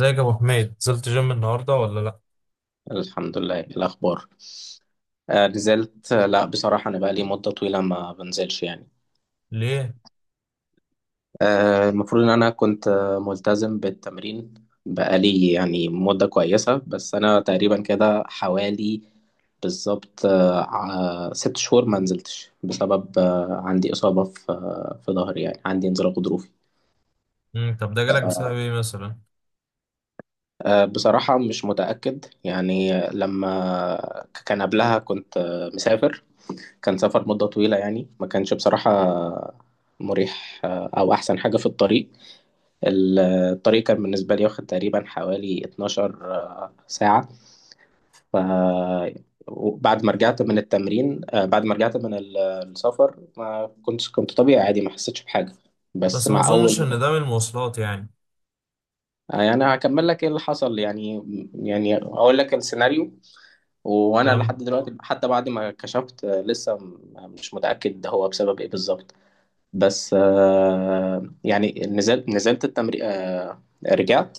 ازيك يا ابو حميد؟ نزلت جيم النهارده ولا لا؟ الحمد لله. إيه الأخبار؟ نزلت. لا، بصراحة أنا بقالي مدة طويلة ما بنزلش يعني. ليه؟ المفروض إن أنا كنت ملتزم بالتمرين. بقالي يعني مدة كويسة، بس أنا تقريبا كده حوالي، بالظبط ست شهور ما نزلتش بسبب عندي إصابة في في ظهري، يعني عندي انزلاق غضروفي. طب ده جالك بسبب ايه مثلا؟ بصراحة مش متأكد. يعني لما كان قبلها كنت مسافر. كان سفر مدة طويلة، يعني ما كانش بصراحة مريح أو أحسن حاجة في الطريق. الطريق كان بالنسبة لي واخد تقريبا حوالي 12 ساعة. ف وبعد ما رجعت من التمرين، بعد ما رجعت من السفر ما كنت طبيعي عادي، ما حسيتش بحاجة. بس بس ما مع اظنش ان أول. ده من المواصلات يعني. أنا هكمل لك إيه اللي حصل، يعني يعني أقول لك السيناريو. وأنا لحد فاهم. دلوقتي، حتى بعد ما كشفت لسه مش متأكد ده هو بسبب إيه بالظبط. بس يعني نزلت التمرين. رجعت.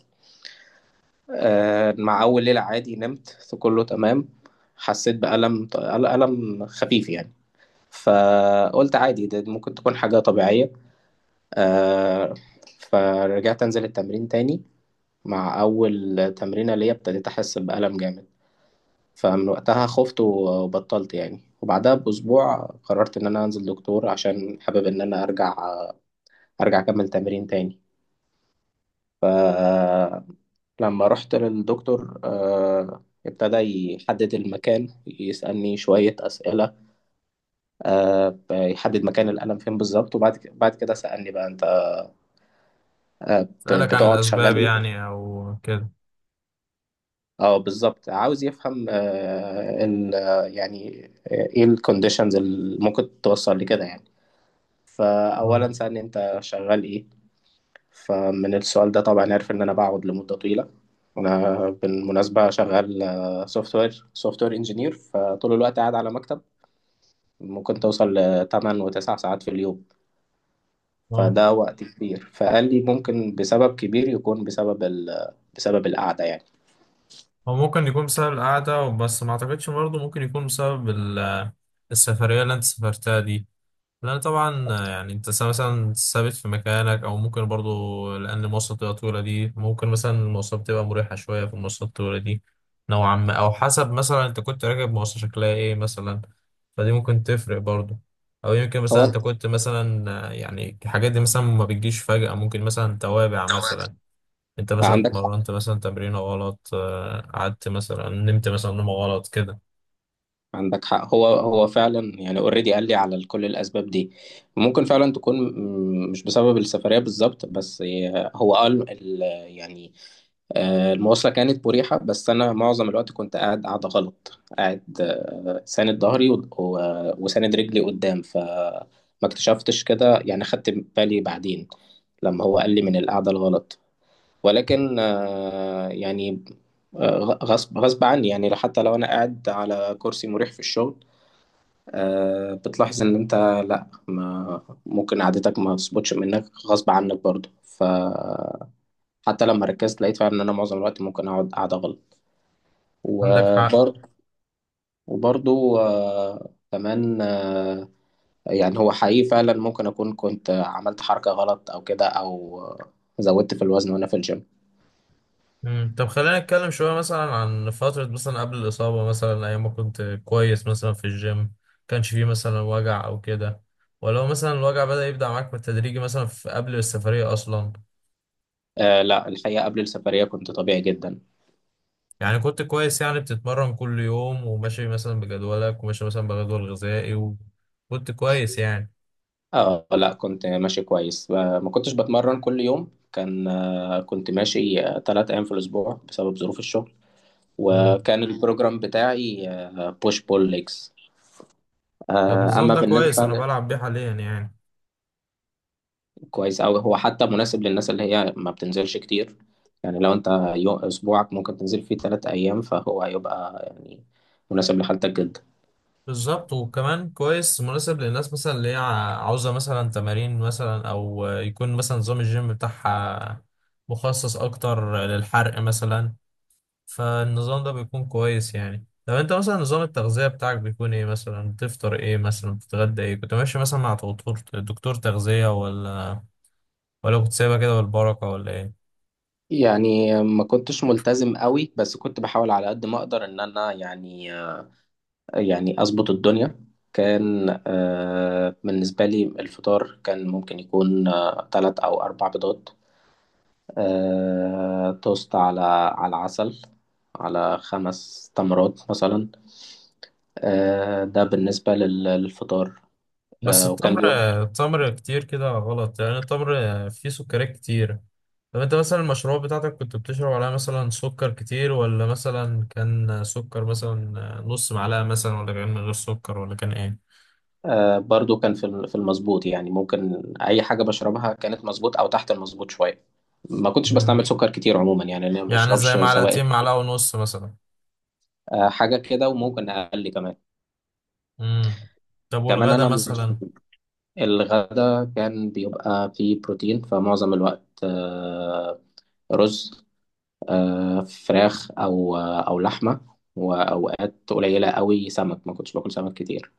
مع أول ليلة عادي نمت، في كله تمام. حسيت بألم ألم خفيف يعني. فقلت عادي، ده ممكن تكون حاجة طبيعية. آه فرجعت أنزل التمرين تاني. مع أول تمرينة ليا ابتديت أحس بألم جامد. فمن وقتها خفت وبطلت يعني، وبعدها بأسبوع قررت إن أنا أنزل دكتور عشان حابب إن أنا أرجع أكمل تمرين تاني. لما رحت للدكتور ابتدى يحدد المكان، يسألني شوية أسئلة، يحدد مكان الألم فين بالظبط. وبعد بعد كده سألني بقى، أنت سألك عن بتقعد شغال الاسباب إيه؟ يعني او كده؟ بالظبط، عاوز يفهم آه، ال آه، يعني آه، إيه الكونديشنز اللي ممكن توصل لكده يعني. اه. فأولا سألني، أنت شغال إيه؟ فمن السؤال ده طبعا عرف إن أنا بقعد لمدة طويلة. أنا بالمناسبة شغال سوفت وير إنجينير، فطول الوقت قاعد على مكتب. ممكن توصل لتمن وتسع ساعات في اليوم. اه، فده وقت كبير. فقال لي ممكن بسبب كبير يكون بسبب بسبب القعدة يعني. هو ممكن يكون بسبب القعده، بس ما اعتقدش برضه. ممكن يكون بسبب السفريه اللي انت سافرتها دي. لا طبعا، يعني انت مثلا ثابت في مكانك، او ممكن برضو لان المواصلات بتبقى طويله دي. ممكن مثلا المواصلات بتبقى مريحه شويه، في المواصلات الطويله دي نوعا ما، او حسب مثلا انت كنت راكب مواصله شكلها ايه مثلا. فدي ممكن تفرق برضو. او يمكن مثلا هو. انت كنت مثلا، يعني الحاجات دي مثلا ما بتجيش فجاه، ممكن مثلا توابع مثلا. انت مثلا عندك اتمرنت مثلا تمرينه غلط، قعدت مثلا، نمت مثلا نومه غلط كده. عندك حق، هو فعلا، يعني اوريدي قال لي على كل الاسباب دي. ممكن فعلا تكون مش بسبب السفريه بالظبط بس. هو قال يعني المواصله كانت مريحه، بس انا معظم الوقت كنت قاعد قاعده غلط، قاعد ساند ظهري وساند رجلي قدام، فما اكتشفتش كده يعني. خدت بالي بعدين لما هو قال لي من القعده الغلط. ولكن يعني آه، غصب عني. يعني حتى لو انا قاعد على كرسي مريح في الشغل، بتلاحظ ان انت، لا، ما ممكن قعدتك ما تظبطش، منك غصب عنك برضه. فحتى لما ركزت لقيت فعلا ان انا معظم الوقت ممكن اقعد قاعدة غلط. عندك حق. وبرضه، وبرضه كمان يعني هو حقيقي فعلا ممكن اكون كنت عملت حركة غلط او كده، او زودت في الوزن وانا في الجيم. مم. طب خلينا نتكلم شوية مثلا عن فترة مثلا قبل الإصابة، مثلا أيام ما كنت كويس مثلا في الجيم، كانش فيه مثلا وجع أو كده؟ ولو مثلا الوجع بدأ يبدأ معاك بالتدريج مثلا في قبل السفرية أصلا؟ لا، الحقيقة قبل السفرية كنت طبيعي جدا. يعني كنت كويس، يعني بتتمرن كل يوم وماشي مثلا بجدولك وماشي مثلا بجدول غذائي وكنت كويس يعني؟ اه لا، كنت ماشي كويس. ما كنتش بتمرن كل يوم، كان كنت ماشي تلات أيام في الأسبوع بسبب ظروف الشغل. مم. وكان البروجرام بتاعي بوش بول ليجز. طب النظام أما ده بالنسبة كويس، أنا بلعب بيه حاليا يعني. كويس أوي، هو حتى مناسب للناس اللي هي ما بتنزلش كتير. يعني لو أنت، أسبوعك ممكن تنزل فيه تلات أيام، فهو هيبقى يعني مناسب لحالتك جدا. بالظبط، وكمان كويس مناسب للناس مثلا اللي هي عاوزة مثلا تمارين مثلا، أو يكون مثلا نظام الجيم بتاعها مخصص أكتر للحرق مثلا. فالنظام ده بيكون كويس يعني. طب أنت مثلا نظام التغذية بتاعك بيكون إيه مثلا؟ بتفطر إيه مثلا؟ بتتغدى إيه؟ كنت ماشي مثلا مع دكتور، دكتور تغذية، ولا كنت سايبها كده بالبركة ولا إيه؟ يعني ما كنتش ملتزم قوي، بس كنت بحاول على قد ما أقدر إن أنا يعني يعني أظبط الدنيا. كان بالنسبة لي الفطار كان ممكن يكون تلات أو أربع بيضات، توست، على على عسل، على خمس تمرات مثلا. ده بالنسبة للفطار. بس وكان التمر، بيبقى التمر كتير كده غلط يعني. التمر فيه سكريات كتير. طب انت مثلا المشروب بتاعتك كنت بتشرب عليها مثلا سكر كتير، ولا مثلا كان سكر مثلا نص معلقة مثلا، ولا كان من غير سكر، ولا كان ايه؟ برضو كان في المظبوط، يعني ممكن أي حاجة بشربها كانت مظبوط أو تحت المظبوط شوية. ما كنتش بستعمل مم. سكر كتير عموما، يعني أنا ما يعني زي بشربش معلقتين، سوائل. معلقة ونص مثلا؟ حاجة كده، وممكن أقل كمان. مم. طب كمان والغدا أنا مثلا؟ الغدا كان بيبقى فيه بروتين، فمعظم الوقت رز، فراخ، أو أو لحمة. وأوقات قليلة قوي سمك، ما كنتش باكل سمك كتير.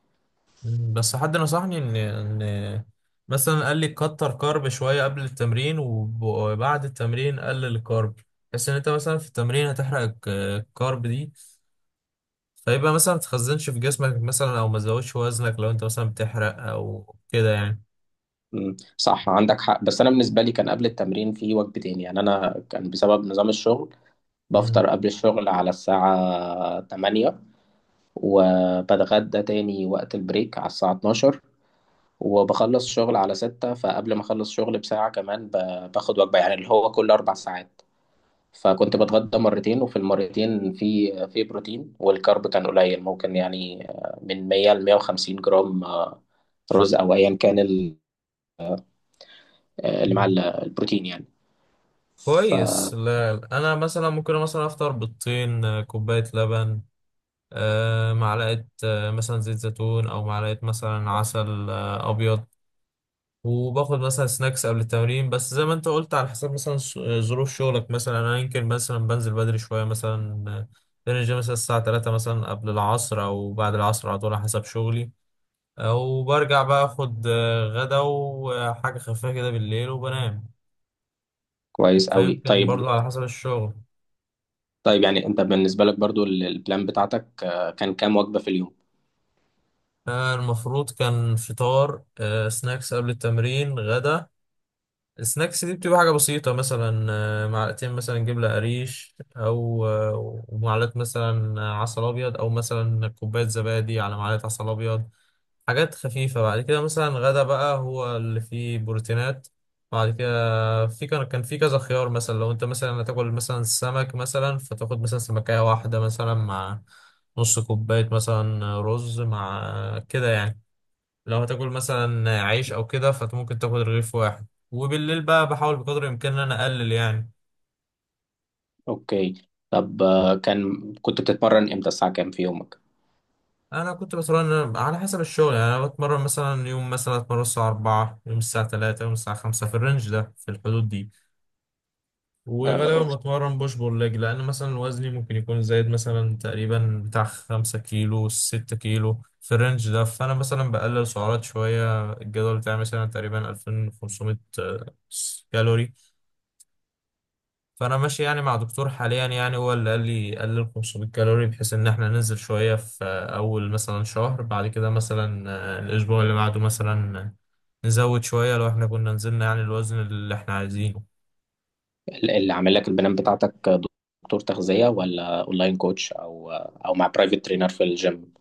مم. بس حد نصحني ان مثلا قال لي كتر كارب شوية قبل التمرين، وبعد التمرين قلل الكارب، بس ان انت مثلا في التمرين هتحرق الكارب دي، فيبقى مثلا ما تخزنش في جسمك مثلا، او ما تزودش وزنك لو انت مثلا بتحرق او كده يعني. مم، صح، عندك حق. بس أنا بالنسبة لي كان قبل التمرين في وجبتين، يعني أنا كان بسبب نظام الشغل بفطر مم. قبل الشغل على الساعة 8، وبتغدى تاني وقت البريك على الساعة 12، وبخلص شغل على ستة. فقبل ما أخلص شغل بساعة كمان باخد وجبة، يعني اللي هو كل أربع ساعات. فكنت بتغدى مرتين، وفي المرتين في بروتين، والكارب كان قليل، ممكن يعني من 100 ل 150 جرام رز او ايا كان اللي مع البروتين يعني. كويس. فكويس لا انا مثلا ممكن مثلا افطر بيضتين، كوبايه لبن، معلقه، مثلا زيت زيتون، او معلقه مثلا عسل ابيض، وباخد مثلا سناكس قبل التمرين. بس زي ما انت قلت، على حسب مثلا، ظروف شغلك مثلا. انا يمكن مثلا بنزل بدري شويه مثلا، بنزل مثلا الساعه 3 مثلا قبل العصر او بعد العصر على طول على حسب شغلي. وبرجع بقى اخد غدا وحاجة خفيفة كده بالليل وبنام. قوي. فيمكن طيب. برضو على حسب الشغل. طيب يعني انت بالنسبة لك برضو البلان بتاعتك كان كام وجبة في اليوم؟ المفروض كان فطار، سناكس قبل التمرين، غدا. السناكس دي بتبقى حاجة بسيطة، مثلا معلقتين مثلا جبنة قريش، أو ومعلقة مثلا عسل أبيض، أو مثلا كوباية زبادي على معلقة عسل أبيض. حاجات خفيفة. بعد كده مثلا غدا بقى هو اللي فيه بروتينات. بعد كده في كان في كذا خيار، مثلا لو انت مثلا هتاكل مثلا سمك مثلا، فتاخد مثلا سمكية واحدة مثلا مع نص كوباية مثلا رز مع كده يعني. لو هتاكل مثلا عيش او كده فممكن تاخد رغيف واحد. وبالليل بقى بحاول بقدر الامكان ان انا اقلل يعني. اوكي. طب آه، كان كنت بتتمرن امتى؟ الساعة كام في يومك؟ انا كنت بتمرن على حسب الشغل يعني. انا بتمرن مثلا يوم مثلا اتمرن الساعة 4، يوم الساعة 3، يوم الساعة 5، في الرينج ده، في الحدود دي. آه، وغالبا بتمرن بوش بول ليج، لان مثلا وزني ممكن يكون زايد مثلا تقريبا بتاع 5 كيلو 6 كيلو في الرينج ده. فانا مثلا بقلل سعرات شوية. الجدول بتاعي مثلا تقريبا 2500 كالوري. فانا ماشي يعني مع دكتور حاليا، يعني هو اللي قال لي قلل 500 كالوري، بحيث ان احنا ننزل شوية في اول مثلا شهر. بعد كده مثلا الاسبوع اللي بعده مثلا نزود شوية لو احنا كنا نزلنا يعني الوزن اللي احنا عايزينه. اللي عامل لك البلان بتاعتك دكتور تغذية، ولا اونلاين كوتش، او او مع برايفت ترينر في الجيم؟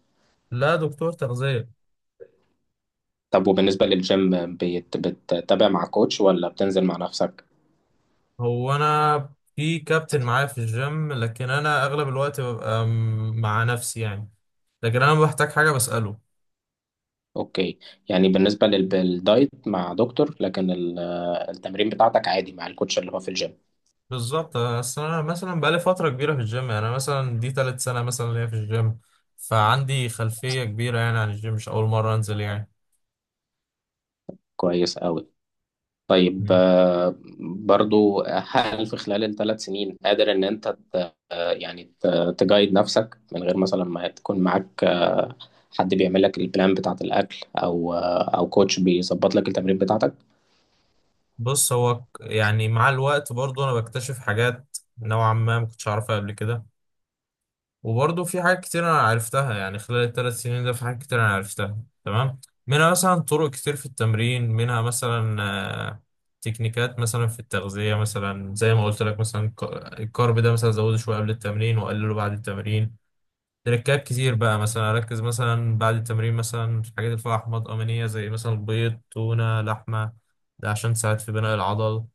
لا، دكتور تغذية. طب وبالنسبة للجيم، بتتابع مع كوتش ولا بتنزل مع نفسك؟ هو انا في كابتن معايا في الجيم، لكن انا اغلب الوقت ببقى مع نفسي يعني، لكن انا لما بحتاج حاجه بساله. اوكي. يعني بالنسبة للدايت مع دكتور، لكن التمرين بتاعتك عادي مع الكوتش اللي هو في الجيم. بالظبط، اصل انا مثلا بقالي فتره كبيره في الجيم. يعني انا مثلا دي تالت سنه مثلا ليا في الجيم. فعندي خلفيه كبيره يعني عن الجيم، مش اول مره انزل يعني. كويس قوي. طيب، مم. برضو هل في خلال الثلاث سنين قادر ان انت ت- يعني تجايد نفسك، من غير مثلا ما تكون معاك حد بيعمل لك البلان بتاعت الاكل، او كوتش بيظبط لك التمرين بتاعتك؟ بص هو، يعني مع الوقت برضو انا بكتشف حاجات نوعا ما ما كنتش اعرفها قبل كده. وبرضه في حاجات كتير انا عرفتها يعني خلال ال 3 سنين ده، في حاجات كتير انا عرفتها. تمام. منها مثلا طرق كتير في التمرين، منها مثلا آه، تكنيكات مثلا في التغذية مثلا. زي ما قلت لك مثلا، الكارب ده مثلا زوده شوية قبل التمرين وقلله بعد التمرين. تركات كتير بقى، مثلا اركز مثلا بعد التمرين مثلا في الحاجات اللي فيها احماض امينية، زي مثلا بيض، تونة، لحمة. ده عشان تساعد في بناء العضل.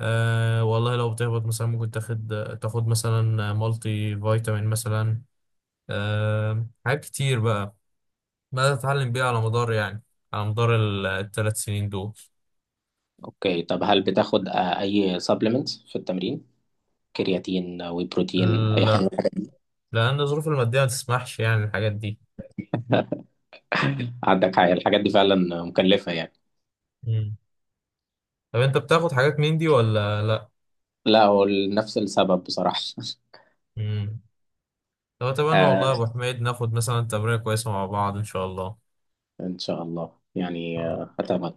أه والله، لو بتهبط مثلا ممكن تاخد مثلا مالتي فيتامين مثلا. حاجات كتير بقى بدأت أتعلم بيها على مدار يعني، على مدار الثلاث سنين دول. اوكي. طب هل بتاخد اي سبلمنتس في التمرين؟ كرياتين، وي بروتين، اي حاجه؟ لا، لأن الظروف المادية ما تسمحش يعني الحاجات دي. عندك حاجه، الحاجات دي فعلا مكلفه يعني. مم. طب أنت بتاخد حاجات من دي ولا لأ؟ لا، هو نفس السبب بصراحه. مم. طب أتمنى والله آه يا أبو حميد ناخد مثلا تمرينة كويسة مع بعض إن شاء الله. ان شاء الله. يعني هتابع.